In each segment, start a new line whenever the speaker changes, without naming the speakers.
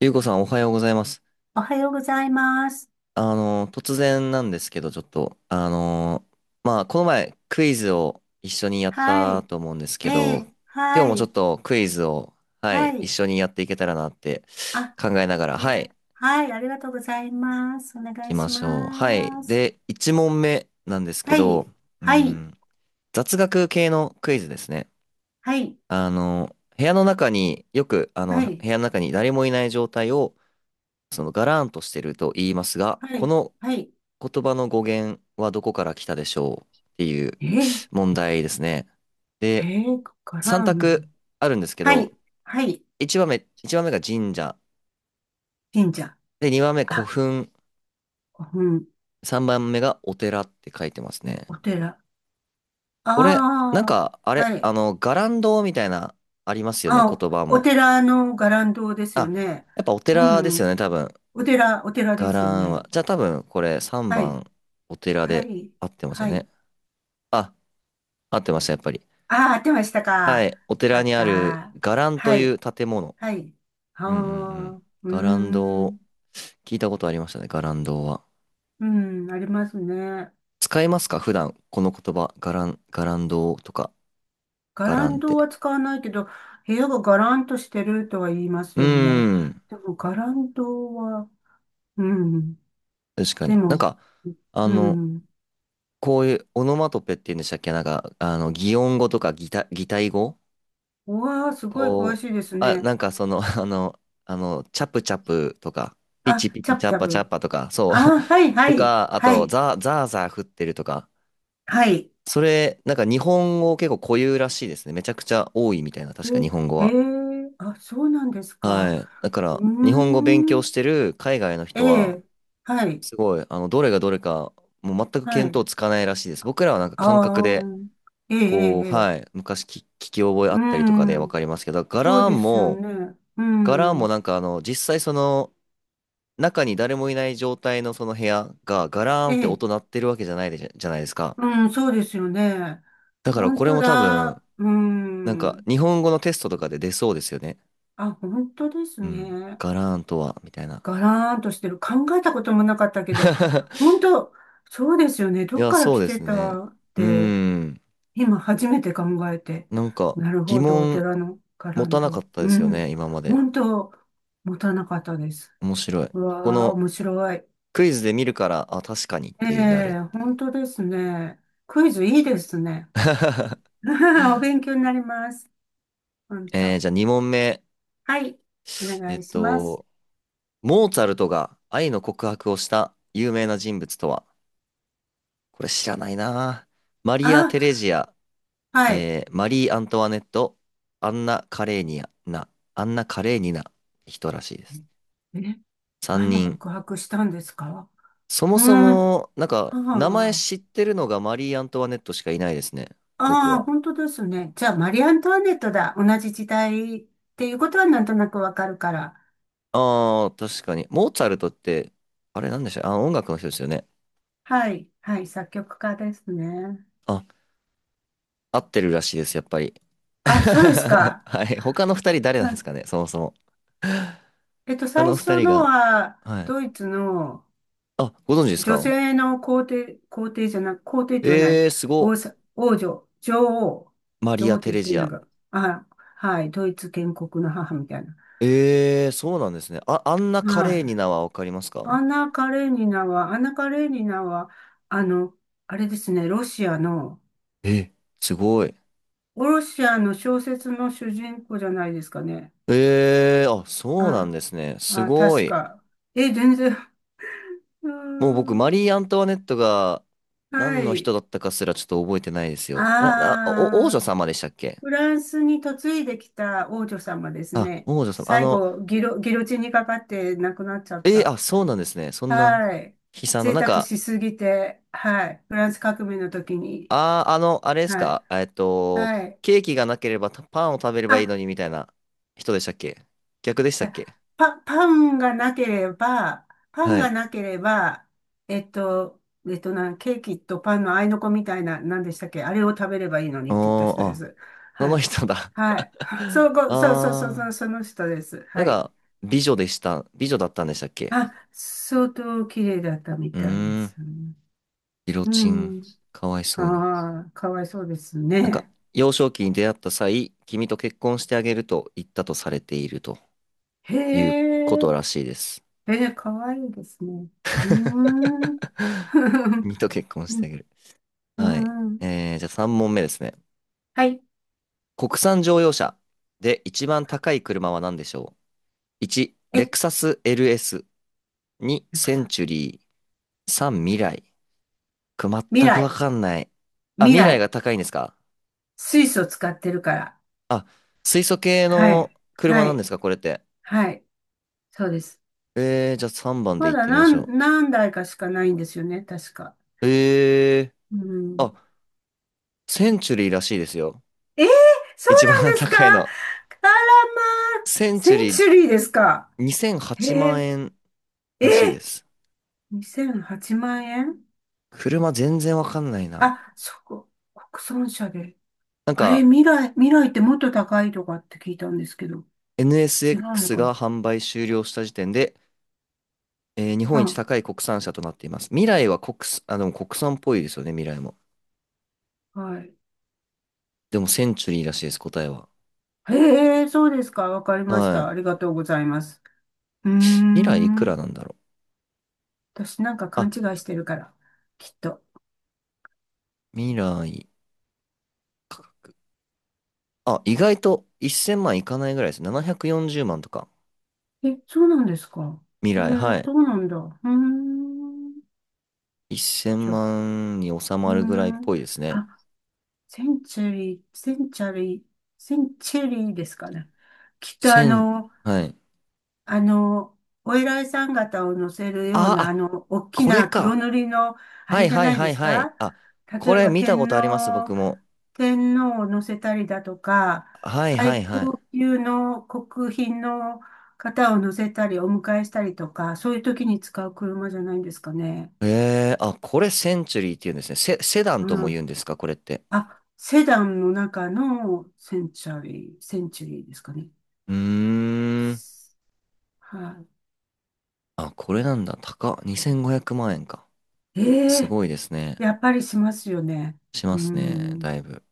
ゆうこさんおはようございます。
おはようございます。
突然なんですけど、ちょっと、あの、まあ、この前クイズを一緒にやっ
は
た
い。
と思うんです
え
けど、
え、
今日
は
もちょ
い。
っとクイズを、は
は
い、一
い。
緒にやっていけたらなって
あ、
考えなが
あ
ら、
り
は
が
い、行
と、はい。ありがとうございます。お願
き
い
ま
し
しょう。はい。
ます。
で、1問目なんですけ
は
ど、
い。
う
はい。
ん、雑学系のクイズですね。
はい。
部屋の中によく、
はい。
部屋の中に誰もいない状態を、そのガラーンとしてると言いますが、
は
こ
い。
の
はい。
言葉の語源はどこから来たでしょうっていう
ええ、
問題ですね。
え
で、
え、かか
3
らん。
択あるんですけ
は
ど、
い。はい。
1番目、一番目が神社。
神社。
で、2番目古
あ、
墳。
うん。
3番目がお寺って書いてますね。
お寺。
これ、
ああ、はい。
伽藍堂みたいな、ありますよね、
あ、
言葉
お
も。
寺の伽藍堂ですよ
あ、
ね。
やっぱお
う
寺ですよ
ん。
ね、多分。
お寺で
伽
すよ
藍は。
ね。
じゃあ多分、これ3
はい。
番、お寺
は
で
い。
合ってますよ
はい。
ね。あ、合ってました、やっぱり。
ああ、合ってました
は
か。
い、お
よか
寺
っ
にある
た。
伽藍と
は
いう
い。
建物。
はい。あ
うんうんう
あ、
ん。
うー
ガランドを、
ん。
聞いたことありましたね、ガランドは。
うん、ありますね。
使いますか普段、この言葉、ガランドとか、
ガ
ガ
ラ
ラン
ン
っ
ド
て。
は使わないけど、部屋がガランとしてるとは言います
うー
よね。
ん、
でも、ガランドは、うん。
確か
で
に。
も、
あ
う
の、
ん。
こういうオノマトペって言うんでしたっけ擬音語とか擬態語
うわあ、すごい詳
こう、
しいです
あ、
ね。
なんかその、あの、チャプチャプとか、ピ
あ、
チピ
チ
チ
ャプ
チャッ
チャ
パチャッ
プ。
パとか、そう。
あ、はい、は
と
い、
か、あ
は
と、
い、
ザーザー降ってるとか、
はい。
それ、なんか日本語結構固有らしいですね。めちゃくちゃ多いみたいな、確か日本語
え、へ
は。
え、あ、そうなんですか。
はい。だから、
うー
日本語勉強
ん。
してる海外の
え
人は、
え、はい、
すごい、あの、どれがどれか、もう全く
は
見
い。
当つかないらしいです。僕らはなんか感覚
ああ、
で、
ええ、ええ、
こう、
え
は
え
い、昔聞き覚えあ
う
ったりとかでわ
ん、
かりますけど、
そう
柄
ですよ
も、
ね。うん、
実際その、中に誰もいない状態のその部屋が、ガラーン
え
って
え、
音鳴ってるわけじゃないでじゃじゃないですか。
うん、そうですよね。
だから
本
これ
当
も多分、
だ、う
なんか
ん。
日本語のテストとかで出そうですよね。
あ、本当です
うん。
ね。
ガラーンとは、みたいな。
ガラーンとしてる。考えたこともなかったけど、本当、そうですよね。
い
どっ
や、
から
そう
来
で
て
すね。
たっ
うー
て、
ん。
今初めて考えて。
なんか、
なる
疑
ほど、お
問
寺のガラ
持
ン
たなかっ
ド。
たで
う
すよね、
ん、
今まで。
本当、持たなかったです。
面白い。
う
こ
わあ、
の
面白い。
クイズで見るから、あ、確かにっ
え
ていうなるっ
え、
てい
本
う。
当ですね。クイズいいですね。お勉強になります。本
えー、
当。
じゃあ2問目。
はい。お
え
願
っ
いします。
と、モーツァルトが愛の告白をした有名な人物とはこれ知らないな。マリア・
あ、
テレジア、
はい。
えーマリー・アントワネット、アンナ・カレーニアな、アンナ・カレーニナ、人らしいです。
え、え、
3
愛の
人。
告白したんですか？
そも
う
そ
ん。
も、なんか、名前
はあ。
知ってるのがマリー・アントワネットしかいないですね。僕
ああ、
は。
本当ですね。じゃあ、マリー・アントワネットだ。同じ時代っていうことはなんとなくわかるから。
ああ、確かに。モーツァルトって、あれなんでしたあ、音楽の人ですよね。
はい。はい。作曲家ですね。
あ、合ってるらしいです、やっぱり。
あ、そうです か。
はい。他の2人誰な
は
んです
い。
かね、そもそも。
えっと、
他
最
の2
初
人
の
が、
は、
はい。
ドイツの、
あ、ご存知です
女
か
性の皇帝、皇帝じゃなく、皇帝って言わない。
えー、す
王
ご。
さ、王女、女王。
マリ
女王
ア・
って
テ
言っ
レ
てる
ジ
の
ア。
が、あ、はい、ドイツ建国の母みたいな。
えー、そうなんですね。あ、あんな華
は
麗に
い。
名はわかります
ア
か
ンナ・カレーニナは、アンナ・カレーニナは、あの、あれですね、ロシアの、
え、すごい。
ロシアの小説の主人公じゃないですかね。
えー、あ、そうなん
あ、
ですね。す
あ、
ご
確
い。
か。え、全然、うー
もう僕、マ
ん、
リー・アントワネットが
は
何の人
い。
だったかすらちょっと覚えてないですよ。な、
あ
な、お、王女
あ。
様でしたっけ
フランスに嫁いできた王女様です
あ、
ね。
王女様。
最後、ギロ、ギロチンにかかって亡くなっちゃった。
あ、そうなんですね。そんな
はい。
悲惨な、
贅
なん
沢
か、
しすぎて、はい。フランス革命の時に。
あれです
はい。
かえっと、
はい。
ケーキがなければパンを食べればいい
あ、
のにみたいな人でしたっけ逆でし
じ
たっ
ゃ
け
あ、パ、パンがなければ、パン
はい。
がなければ、えっと、えっとな、ケーキとパンの合いの子みたいな、何でしたっけ、あれを食べればいいのに
お
って言った
ー、
人で
あ、
す。
そ
は
の
い。
人だ
はい。そう、そう、その
あ
その人です。
ー、なん
はい。
か、美女だったんでしたっけ
あ、相当綺麗だったみ
うー
たいで
ん、
す。
ギロ
う
チン、
ん。
かわいそうに。
ああ、かわいそうです
なんか、
ね。
幼少期に出会った際、君と結婚してあげると言ったとされていると
へ
いうこ
え、
とらしいです。
えー、かわいいですね。うーん。
君 と結婚してあげる。
う
はい。
ん。
えー、じゃあ3問目ですね。
はい。
国産乗用車で一番高い車は何でしょう？ 1、
え、
レクサス LS。2、センチュリー。3、未来。これ
未
全くわ
来、
かんない。あ、
未
未来
来。
が高いんですか
水素使ってるから。
あ、水素系
は
の
い。
車
は
なんで
い。
すかこれって。
はい。そうです。
えー、じゃあ3番で
ま
行っ
だ
てみまし
何、
ょ
何台かしかないんですよね、確か。
う。えー。
うん。
あセンチュリーらしいですよ。
えー、そう
一番
なんですか？
高いの。
あらまあ、
センチュ
セン
リー
チュリーですか？
2008
へ
万
え、
円らしい
え、
です。
2008万円。
車全然わかんないな。
あ、そこ、国産車で。
なん
あれ、
か
未来ってもっと高いとかって聞いたんですけど、違うの
NSX
か
が
な？
販売終了した時点で、えー日
う
本一
ん、
高い国産車となっています。未来は国産、あ、でも国産っぽいですよね、未来も。
はい。
でもセンチュリーらしいです、答えは。
へえ、そうですか。わかりまし
は
た。
い。
ありがとうございます。うー
未来いくら
ん。
なんだろう。
私なんか勘
あ、
違いしてるから、きっと。
未来。あ、意外と1000万いかないぐらいです。740万とか。
え、そうなんですか。
未
へえ、
来、はい。
そうなんだ。うーん。ち
1000
ょ、う
万に収
ー
まるぐらいっ
ん。
ぽいですね。
あ、センチュリー、センチャリー、センチュリーですかね。きっとあ
1000、
の、
はい。
あの、お偉いさん方を乗せるよう
あ
な、あ
あ、
の、大き
これ
な黒
か。
塗りの、あ
は
れ
い
じゃ
はい
ない
は
で
い
す
はい。
か？
あ、こ
例え
れ
ば
見たこ
天
とあります、
皇、
僕も。
天皇を乗せたりだとか、
はいは
最
いは
高
い。
級の国賓の方を乗せたり、お迎えしたりとか、そういう時に使う車じゃないんですかね。
えー、あ、これセンチュリーって言うんですね。セ、セダンと
う
も言う
ん。
んですか、これって。
あ、セダンの中のセンチュリーですかね。
うーん。
は
あ、これなんだ。高っ。2500万円か。
い。え
す
え、
ごいですね。
やっぱりしますよね。
し
う
ますね。
ん。
だいぶ。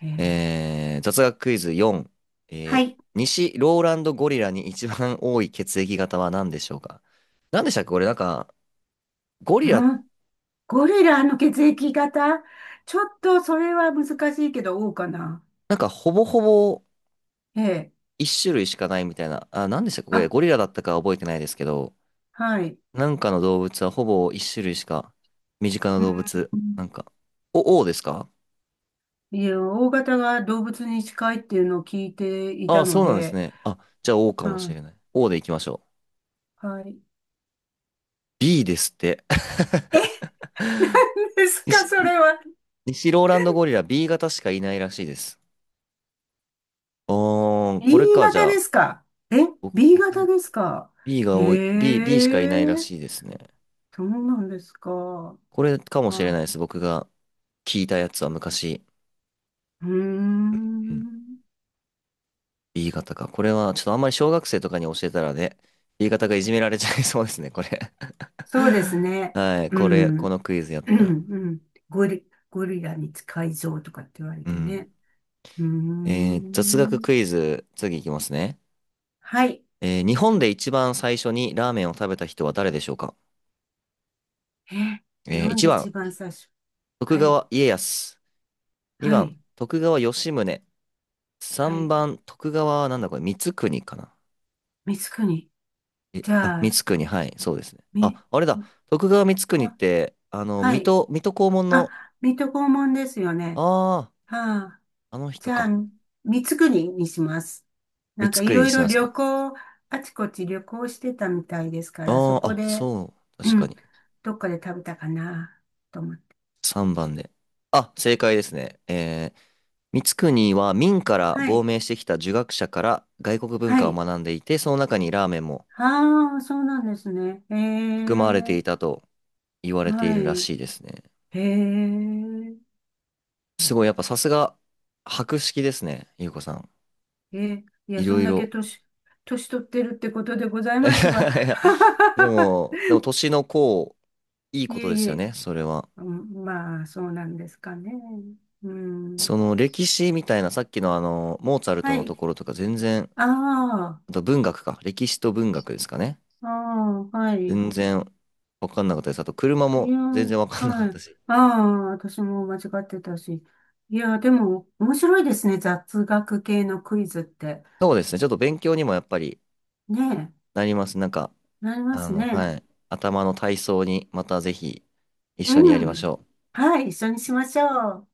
ええ、
えー、雑学クイズ4。え
は
ー、
い。
西ローランドゴリラに一番多い血液型は何でしょうか何でしたっけこれなんか、ゴリラ、
うん。ゴリラの血液型、ちょっとそれは難しいけど、O かな。
なんかほぼほぼ
ええ。
一種類しかないみたいな。あ、何でしたっけこれ
あ、
ゴリラだったかは覚えてないですけど、
はい。
なんかの動物はほぼ一種類しか、身近な
う
動物、なん
ん。
か、O ですか
いや、O 型が動物に近いっていうのを聞いてい
ああ、
た
そ
の
うなんです
で、
ね。あ、じゃあ O かも
は
しれ
い。
ない。O でいきましょう。
はい。
B ですって。
え、ですか、
西、
それは。
西ローランドゴリラ B 型しかいないらしいです。あー、これ
E
か、じ
型
ゃ
で
あ、
すか。え、
僕、
B 型
僕、
ですか。へ
B しかいないら
え、
しいですね。
そうなんですか。
これかもしれない
あ、
です。僕が聞いたやつは昔、
うー
うん、
ん。
B 型か。これは、ちょっとあんまり小学生とかに教えたらね、B 型がいじめられちゃいそうですね、これ。
そうです ね。
はい、
う
これ、こ
ん。
のクイズやっ
う
たら。
ん。うん。ゴリラに近い像とかって言われ
う
て
ん。
ね。うー
えー、雑学
ん。
クイズ、次いきますね。
はい。
えー、日本で一番最初にラーメンを食べた人は誰でしょうか
え、日
えー、
本
1
で一
番、
番最初。
徳
はい。
川家康。
は
2番、
い。
徳川吉宗。
は
3
い。
番、徳川はなんだこれ、光圀かな。
光圀。
え、
じ
あ、
ゃあ、
光圀、はい、そうですね。
み、
あ、あれだ、徳川光圀っ
あ、
て、あの、
はい。
水戸黄門の、
あ、水戸黄門ですよね。
ああ、
はあ。
あの人
じゃあ、
か。
三つ国にします。
光
なんかい
圀に
ろい
して
ろ
ます
旅
か。
行、あちこち旅行してたみたいですから、そ
ああ、
こ
あ、
で、
そう、
う
確か
ん、
に。
どっかで食べたかなと思って。
3番で。あ、正解ですね。えー、光圀は明から
は
亡
い。
命してきた儒学者から外国文
は
化を
い。
学んでいて、その中にラーメンも
ああ、そうなんですね。え
含まれて
え、
いたと言われてい
は
るら
い。
しいですね。
ええ、
すごい、やっぱさすが、博識ですね、ゆうこさん。
え、いや、
い
そ
ろ
ん
い
だけ
ろ。
年、年取ってるってことでございますわ。
いや でも、でも年の功、いい
い
こと
え
で
い
すよ
え、
ね、それは。
うん、まあ、そうなんですかね。う
そ
ん。
の歴史みたいな、さっきのあの、モーツァルト
は
のと
い。
ころとか全然、
ああ。
あと文学か、歴史と文学ですかね。
ああ、はい。
全然わかんなかったです。あと車
い
も
や、
全然わかんなか
は
った
い。
し。
ああ、私も間違ってたし。いや、でも、面白いですね。雑学系のクイズって。
そうですね、ちょっと勉強にもやっぱり
ね
なります。
え、なります
は
ね。
い。頭の体操にまたぜひ一
う
緒にやりまし
ん。
ょう。
はい、一緒にしましょう。